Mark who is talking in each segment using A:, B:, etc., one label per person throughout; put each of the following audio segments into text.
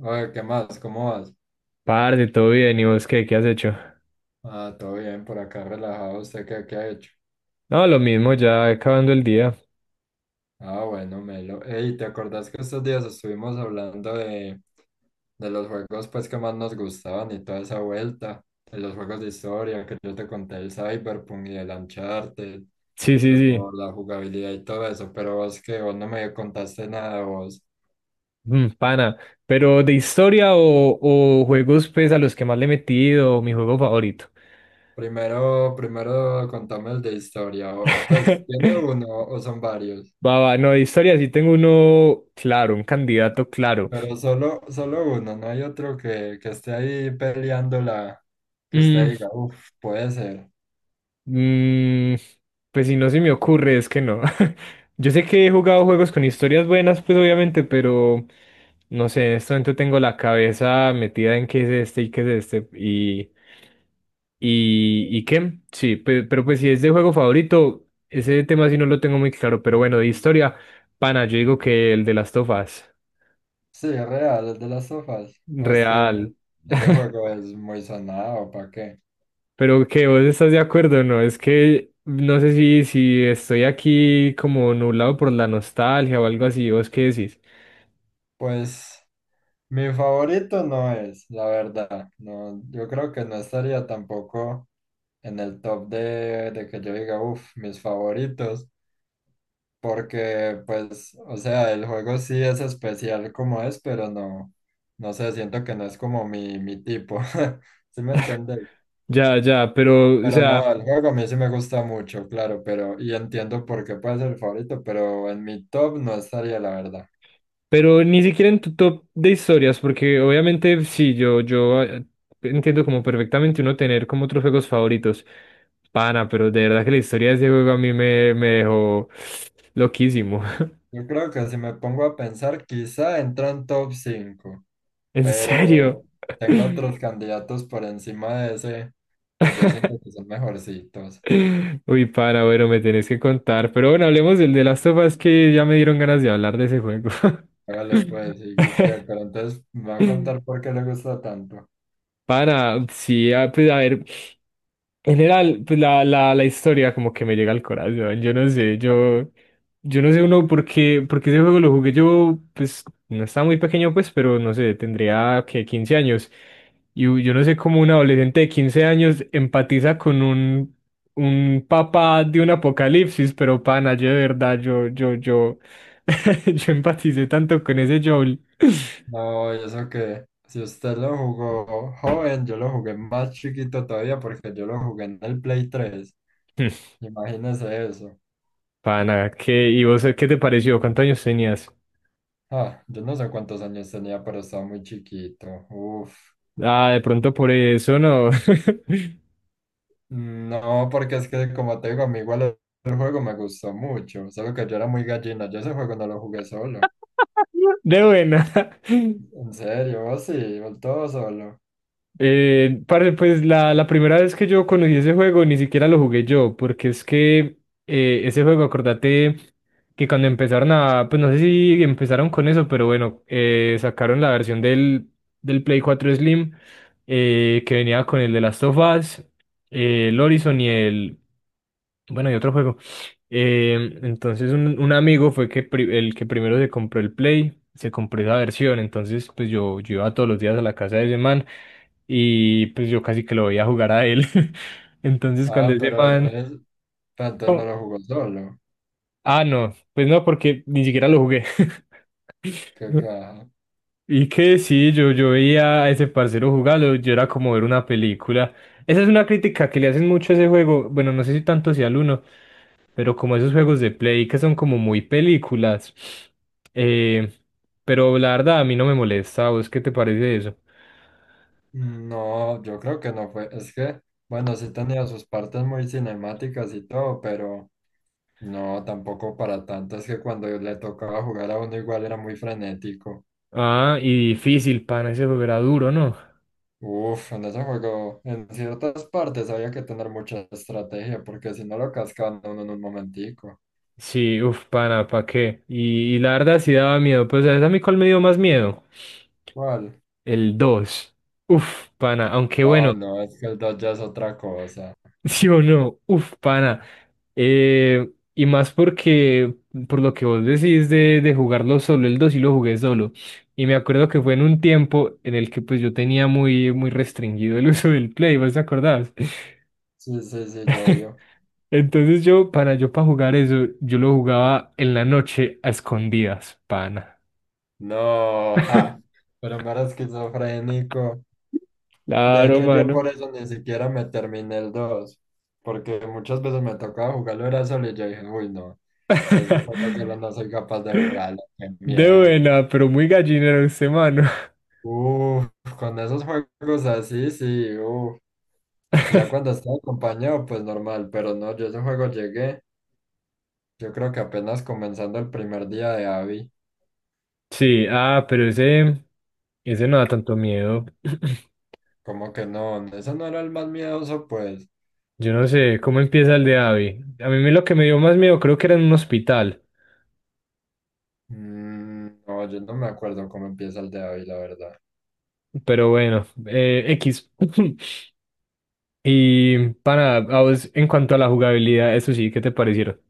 A: Oye, ¿qué más? ¿Cómo vas?
B: Parce, todo bien, ¿y vos qué, qué has hecho?
A: Ah, todo bien, por acá relajado. ¿Usted qué ha hecho?
B: No, lo mismo, ya acabando el día.
A: Ah, bueno, Melo. Ey, ¿te acordás que estos días estuvimos hablando de los juegos, pues, que más nos gustaban y toda esa vuelta? De los juegos de historia que yo te conté, el Cyberpunk y el Uncharted,
B: Sí, sí,
A: que
B: sí.
A: por la jugabilidad y todo eso, pero vos no me contaste nada, vos.
B: Pana. Pero de historia o juegos pues a los que más le he metido, mi juego favorito.
A: Primero contame el de historia. Pues, ¿tiene uno o son varios?
B: No, de historia sí tengo uno claro, un candidato claro.
A: Pero solo uno, ¿no hay otro que esté ahí peleándola, que usted
B: Mm,
A: diga, uff, puede ser?
B: mm, pues si no se me ocurre, es que no. Yo sé que he jugado juegos con historias buenas, pues obviamente, pero no sé, en este momento tengo la cabeza metida en qué es este y qué es este. Y qué? Sí, pero, pues si es de juego favorito, ese tema sí no lo tengo muy claro, pero bueno, de historia, pana, yo digo que el de las tofas,
A: Sí, es real, es de las sofás. Pues que
B: real.
A: ese juego es muy sonado, ¿para qué?
B: Pero que vos estás de acuerdo, ¿no? Es que no sé si estoy aquí como nublado por la nostalgia o algo así, ¿vos qué decís?
A: Pues mi favorito no es, la verdad. No, yo creo que no estaría tampoco en el top de que yo diga, uff, mis favoritos. Porque, pues, o sea, el juego sí es especial como es, pero no, no sé, siento que no es como mi tipo. ¿Sí me entiendes?
B: Ya, ya, pero, o
A: Pero
B: sea.
A: no, el juego a mí sí me gusta mucho, claro, pero, y entiendo por qué puede ser el favorito, pero en mi top no estaría, la verdad.
B: Pero ni siquiera en tu top de historias, porque obviamente sí, yo entiendo como perfectamente uno tener como otros juegos favoritos. Pana, pero de verdad que la historia de ese juego a mí me, me dejó loquísimo.
A: Yo creo que si me pongo a pensar, quizá entra en top 5,
B: En
A: pero
B: serio.
A: tengo otros candidatos por encima de ese que yo siento que son mejorcitos.
B: Uy, pana, bueno, me tenés que contar. Pero bueno, hablemos del de las of Us, que ya me dieron ganas de hablar de ese juego.
A: Hágale, pues, y qué, pero entonces me va a contar por qué le gusta tanto.
B: Pana, sí, ah, pues a ver, en general, pues la historia como que me llega al corazón, yo no sé, yo no sé uno por qué, porque ese juego lo jugué yo, pues no estaba muy pequeño pues, pero no sé, tendría que quince años, y yo no sé cómo un adolescente de 15 años empatiza con un papá de un apocalipsis, pero pana, yo de verdad, yo empaticé tanto con ese Joel.
A: No, y eso que si usted lo jugó joven, yo lo jugué más chiquito todavía porque yo lo jugué en el Play 3. Imagínese eso.
B: Pana, ¿qué? ¿Y vos qué te pareció? ¿Cuántos años tenías?
A: Ah, yo no sé cuántos años tenía, pero estaba muy chiquito. Uf.
B: Ah, de pronto por eso no.
A: No, porque es que, como te digo, a mí igual el juego me gustó mucho, solo que yo era muy gallina, yo ese juego no lo jugué solo.
B: De buena.
A: En serio, vos sí, vos todo solo.
B: Parce, pues la primera vez que yo conocí ese juego ni siquiera lo jugué yo, porque es que ese juego, acordate que cuando empezaron a, pues no sé si empezaron con eso, pero bueno, sacaron la versión del Play cuatro Slim, que venía con el de Last of Us, el Horizon bueno, y otro juego. Entonces un amigo fue que el que primero se compró el Play, se compró esa versión, entonces pues yo iba todos los días a la casa de ese man y pues yo casi que lo veía jugar a él. Entonces cuando
A: Ah,
B: ese
A: pero
B: man...
A: entonces, pero entonces no
B: no.
A: lo jugó solo.
B: Ah, no, pues no, porque ni siquiera lo jugué.
A: Que ca-
B: Y que sí, yo veía a ese parcero jugarlo, yo era como ver una película. Esa es una crítica que le hacen mucho a ese juego, bueno, no sé si tanto sea al uno. Pero como esos juegos de Play que son como muy películas. Eh, pero la verdad a mí no me molesta. ¿Vos qué te parece eso?
A: No, yo creo que no fue. Es que, bueno, sí tenía sus partes muy cinemáticas y todo, pero no, tampoco para tanto. Es que cuando le tocaba jugar a uno igual era muy frenético.
B: Ah, y difícil, pana, ese juego era duro, ¿no?
A: Uf, en ese juego, en ciertas partes había que tener mucha estrategia, porque si no lo cascaban a uno en un momentico.
B: Sí, uff, pana, ¿pa' qué? Y la verdad sí daba miedo. Pues, ¿sabes a mí cuál me dio más miedo?
A: ¿Cuál?
B: El dos. Uff, pana, aunque
A: Ah,
B: bueno.
A: no, es que el dos ya es otra cosa.
B: ¿Sí o no? Uf, pana. Eh, y más porque, por lo que vos decís de jugarlo solo, el 2 sí lo jugué solo. Y me acuerdo que fue en un tiempo en el que pues yo tenía muy restringido el uso del Play, ¿vos te acordás?
A: Sí, sí, sí, yo obvio.
B: Entonces yo, pana, yo para jugar eso, yo lo jugaba en la noche a escondidas, pana.
A: No, ja, pero me era esquizofrénico. De
B: Claro,
A: hecho, yo
B: mano.
A: por eso ni siquiera me terminé el dos, porque muchas veces me tocaba jugarlo era solo y yo dije, uy, no, yo este juego solo no soy capaz de jugarlo, qué
B: De
A: miedo.
B: buena, pero muy gallinero ese mano.
A: Uf, con esos juegos así, sí, uf. Ya cuando estaba acompañado, pues normal, pero no, yo ese juego llegué, yo creo que apenas comenzando el primer día de Abby,
B: Sí, ah, pero ese no da tanto miedo.
A: como que no, ese no era el más miedoso, pues.
B: Yo no sé, ¿cómo empieza el de Abby? A mí lo que me dio más miedo creo que era en un hospital,
A: Mm, no, yo no me acuerdo cómo empieza el de Abby, la verdad.
B: pero bueno, X. Y para, a vos, en cuanto a la jugabilidad, eso sí, ¿qué te parecieron?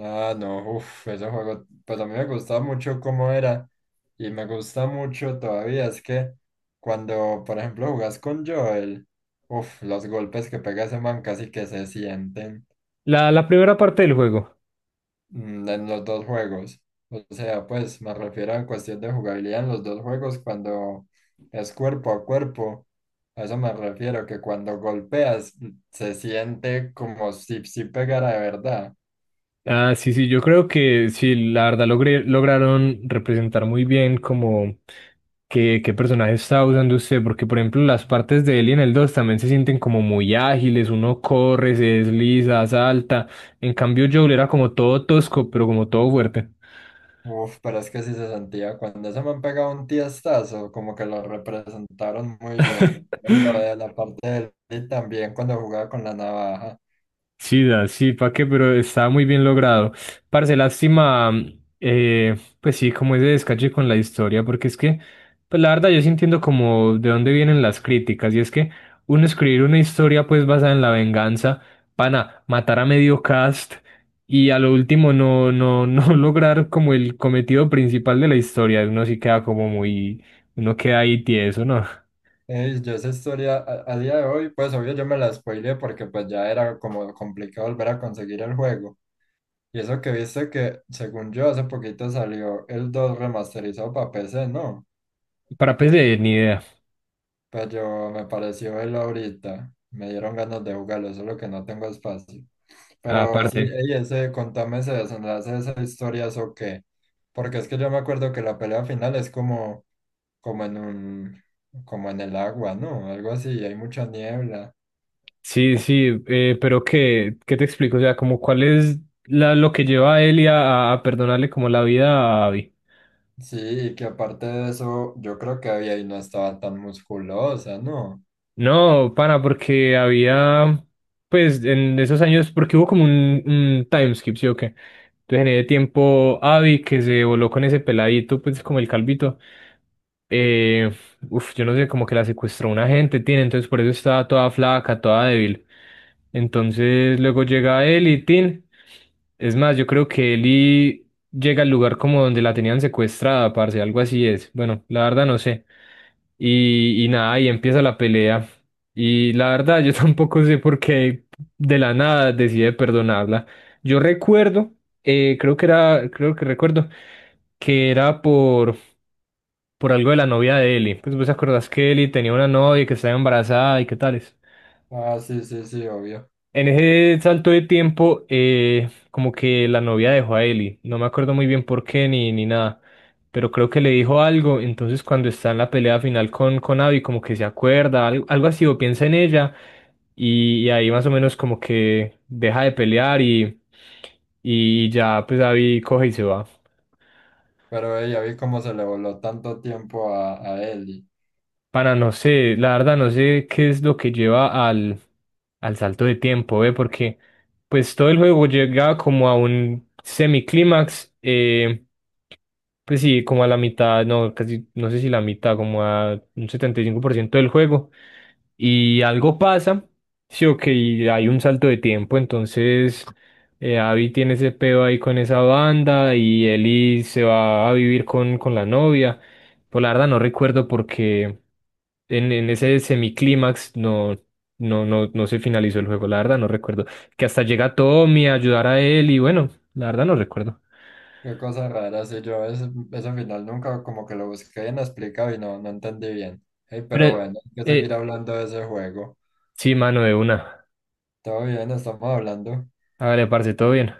A: Ah, no, uff, ese juego, pues a mí me gustaba mucho cómo era y me gusta mucho todavía. Es que cuando, por ejemplo, jugás con Joel, uff, los golpes que pega ese man casi que se sienten,
B: La primera parte del juego.
A: mm, en los dos juegos. O sea, pues me refiero a cuestión de jugabilidad en los dos juegos cuando es cuerpo a cuerpo. A eso me refiero, que cuando golpeas se siente como si pegara de verdad.
B: Ah, sí, sí, yo creo que sí, la verdad lograron representar muy bien como qué personaje está usando usted, porque por ejemplo las partes de él y en el 2 también se sienten como muy ágiles, uno corre, se desliza, salta, en cambio Joel era como todo tosco, pero como todo fuerte.
A: Uf, pero es que sí se sentía cuando ese han pegado un tiestazo, como que lo representaron muy bien. Y lo de la parte del y también cuando jugaba con la navaja.
B: Chida, sí, ¿para qué? Pero está muy bien logrado. Parce, lástima, pues sí, como ese descache con la historia, porque es que, pues la verdad yo sí entiendo como de dónde vienen las críticas, y es que uno escribir una historia pues basada en la venganza, pana, matar a medio cast y a lo último no lograr como el cometido principal de la historia, uno sí queda como muy, uno queda ahí tieso, ¿no?
A: Ey, yo esa historia a día de hoy, pues obvio yo me la spoileé, porque pues ya era como complicado volver a conseguir el juego. Y eso que viste que, según yo, hace poquito salió el 2 remasterizado para PC, ¿no?
B: Para PC, ni idea,
A: Pero yo me pareció el ahorita. Me dieron ganas de jugarlo, solo que no tengo espacio. Pero sí,
B: aparte.
A: ey, ese, contame ese desenlace de esa historia, ¿eso qué? Porque es que yo me acuerdo que la pelea final es como, como en un, como en el agua, ¿no? Algo así, hay mucha niebla.
B: Sí, sí, pero ¿qué, qué te explico? O sea, como cuál es la, lo que lleva a Elia a perdonarle como la vida a Abby.
A: Sí, y que aparte de eso, yo creo que ella ahí no estaba tan musculosa, ¿no?
B: No, pana, porque había, pues en esos años, porque hubo como un time, ¿sí o qué? Entonces en ese tiempo, Abby, que se voló con ese peladito, pues como el calvito, eh, uf, yo no sé, como que la secuestró una gente, tiene, entonces por eso estaba toda flaca, toda débil. Entonces luego llega él y Tin. Es más, yo creo que Eli llega al lugar como donde la tenían secuestrada, parce, algo así es. Bueno, la verdad no sé. Y nada, ahí empieza la pelea. Y la verdad, yo tampoco sé por qué de la nada decide perdonarla. Yo recuerdo, creo que era, creo que recuerdo que era por algo de la novia de Ellie. Pues vos acordás que Ellie tenía una novia que estaba embarazada y qué tales.
A: Ah, sí, sí, sí, obvio.
B: En ese salto de tiempo, como que la novia dejó a Ellie. No me acuerdo muy bien por qué ni nada, pero creo que le dijo algo. Entonces, cuando está en la pelea final con Abby, como que se acuerda, algo, así, o piensa en ella, y ahí más o menos como que deja de pelear y ya, pues Abby coge y se va.
A: Pero ella vi cómo se le voló tanto tiempo a Ellie.
B: Para no sé, la verdad no sé qué es lo que lleva al, al salto de tiempo, ¿ve? Porque pues todo el juego llega como a un semiclímax, pues sí, como a la mitad, no, casi, no sé si la mitad, como a un 75% del juego, y algo pasa, sí, ok, y hay un salto de tiempo, entonces Abby tiene ese pedo ahí con esa banda y Ellie se va a vivir con la novia. Pues la verdad no recuerdo porque en ese semiclímax no se finalizó el juego, la verdad no recuerdo. Que hasta llega Tommy a ayudar a él y bueno, la verdad no recuerdo.
A: Qué cosa rara. Sí, yo ese final nunca como que lo busqué bien explicado y no, no entendí bien. Ey, pero
B: Pero
A: bueno, hay que seguir
B: eh,
A: hablando de ese juego.
B: sí, mano de una.
A: Todo bien, estamos hablando.
B: Hágale, parce, todo bien.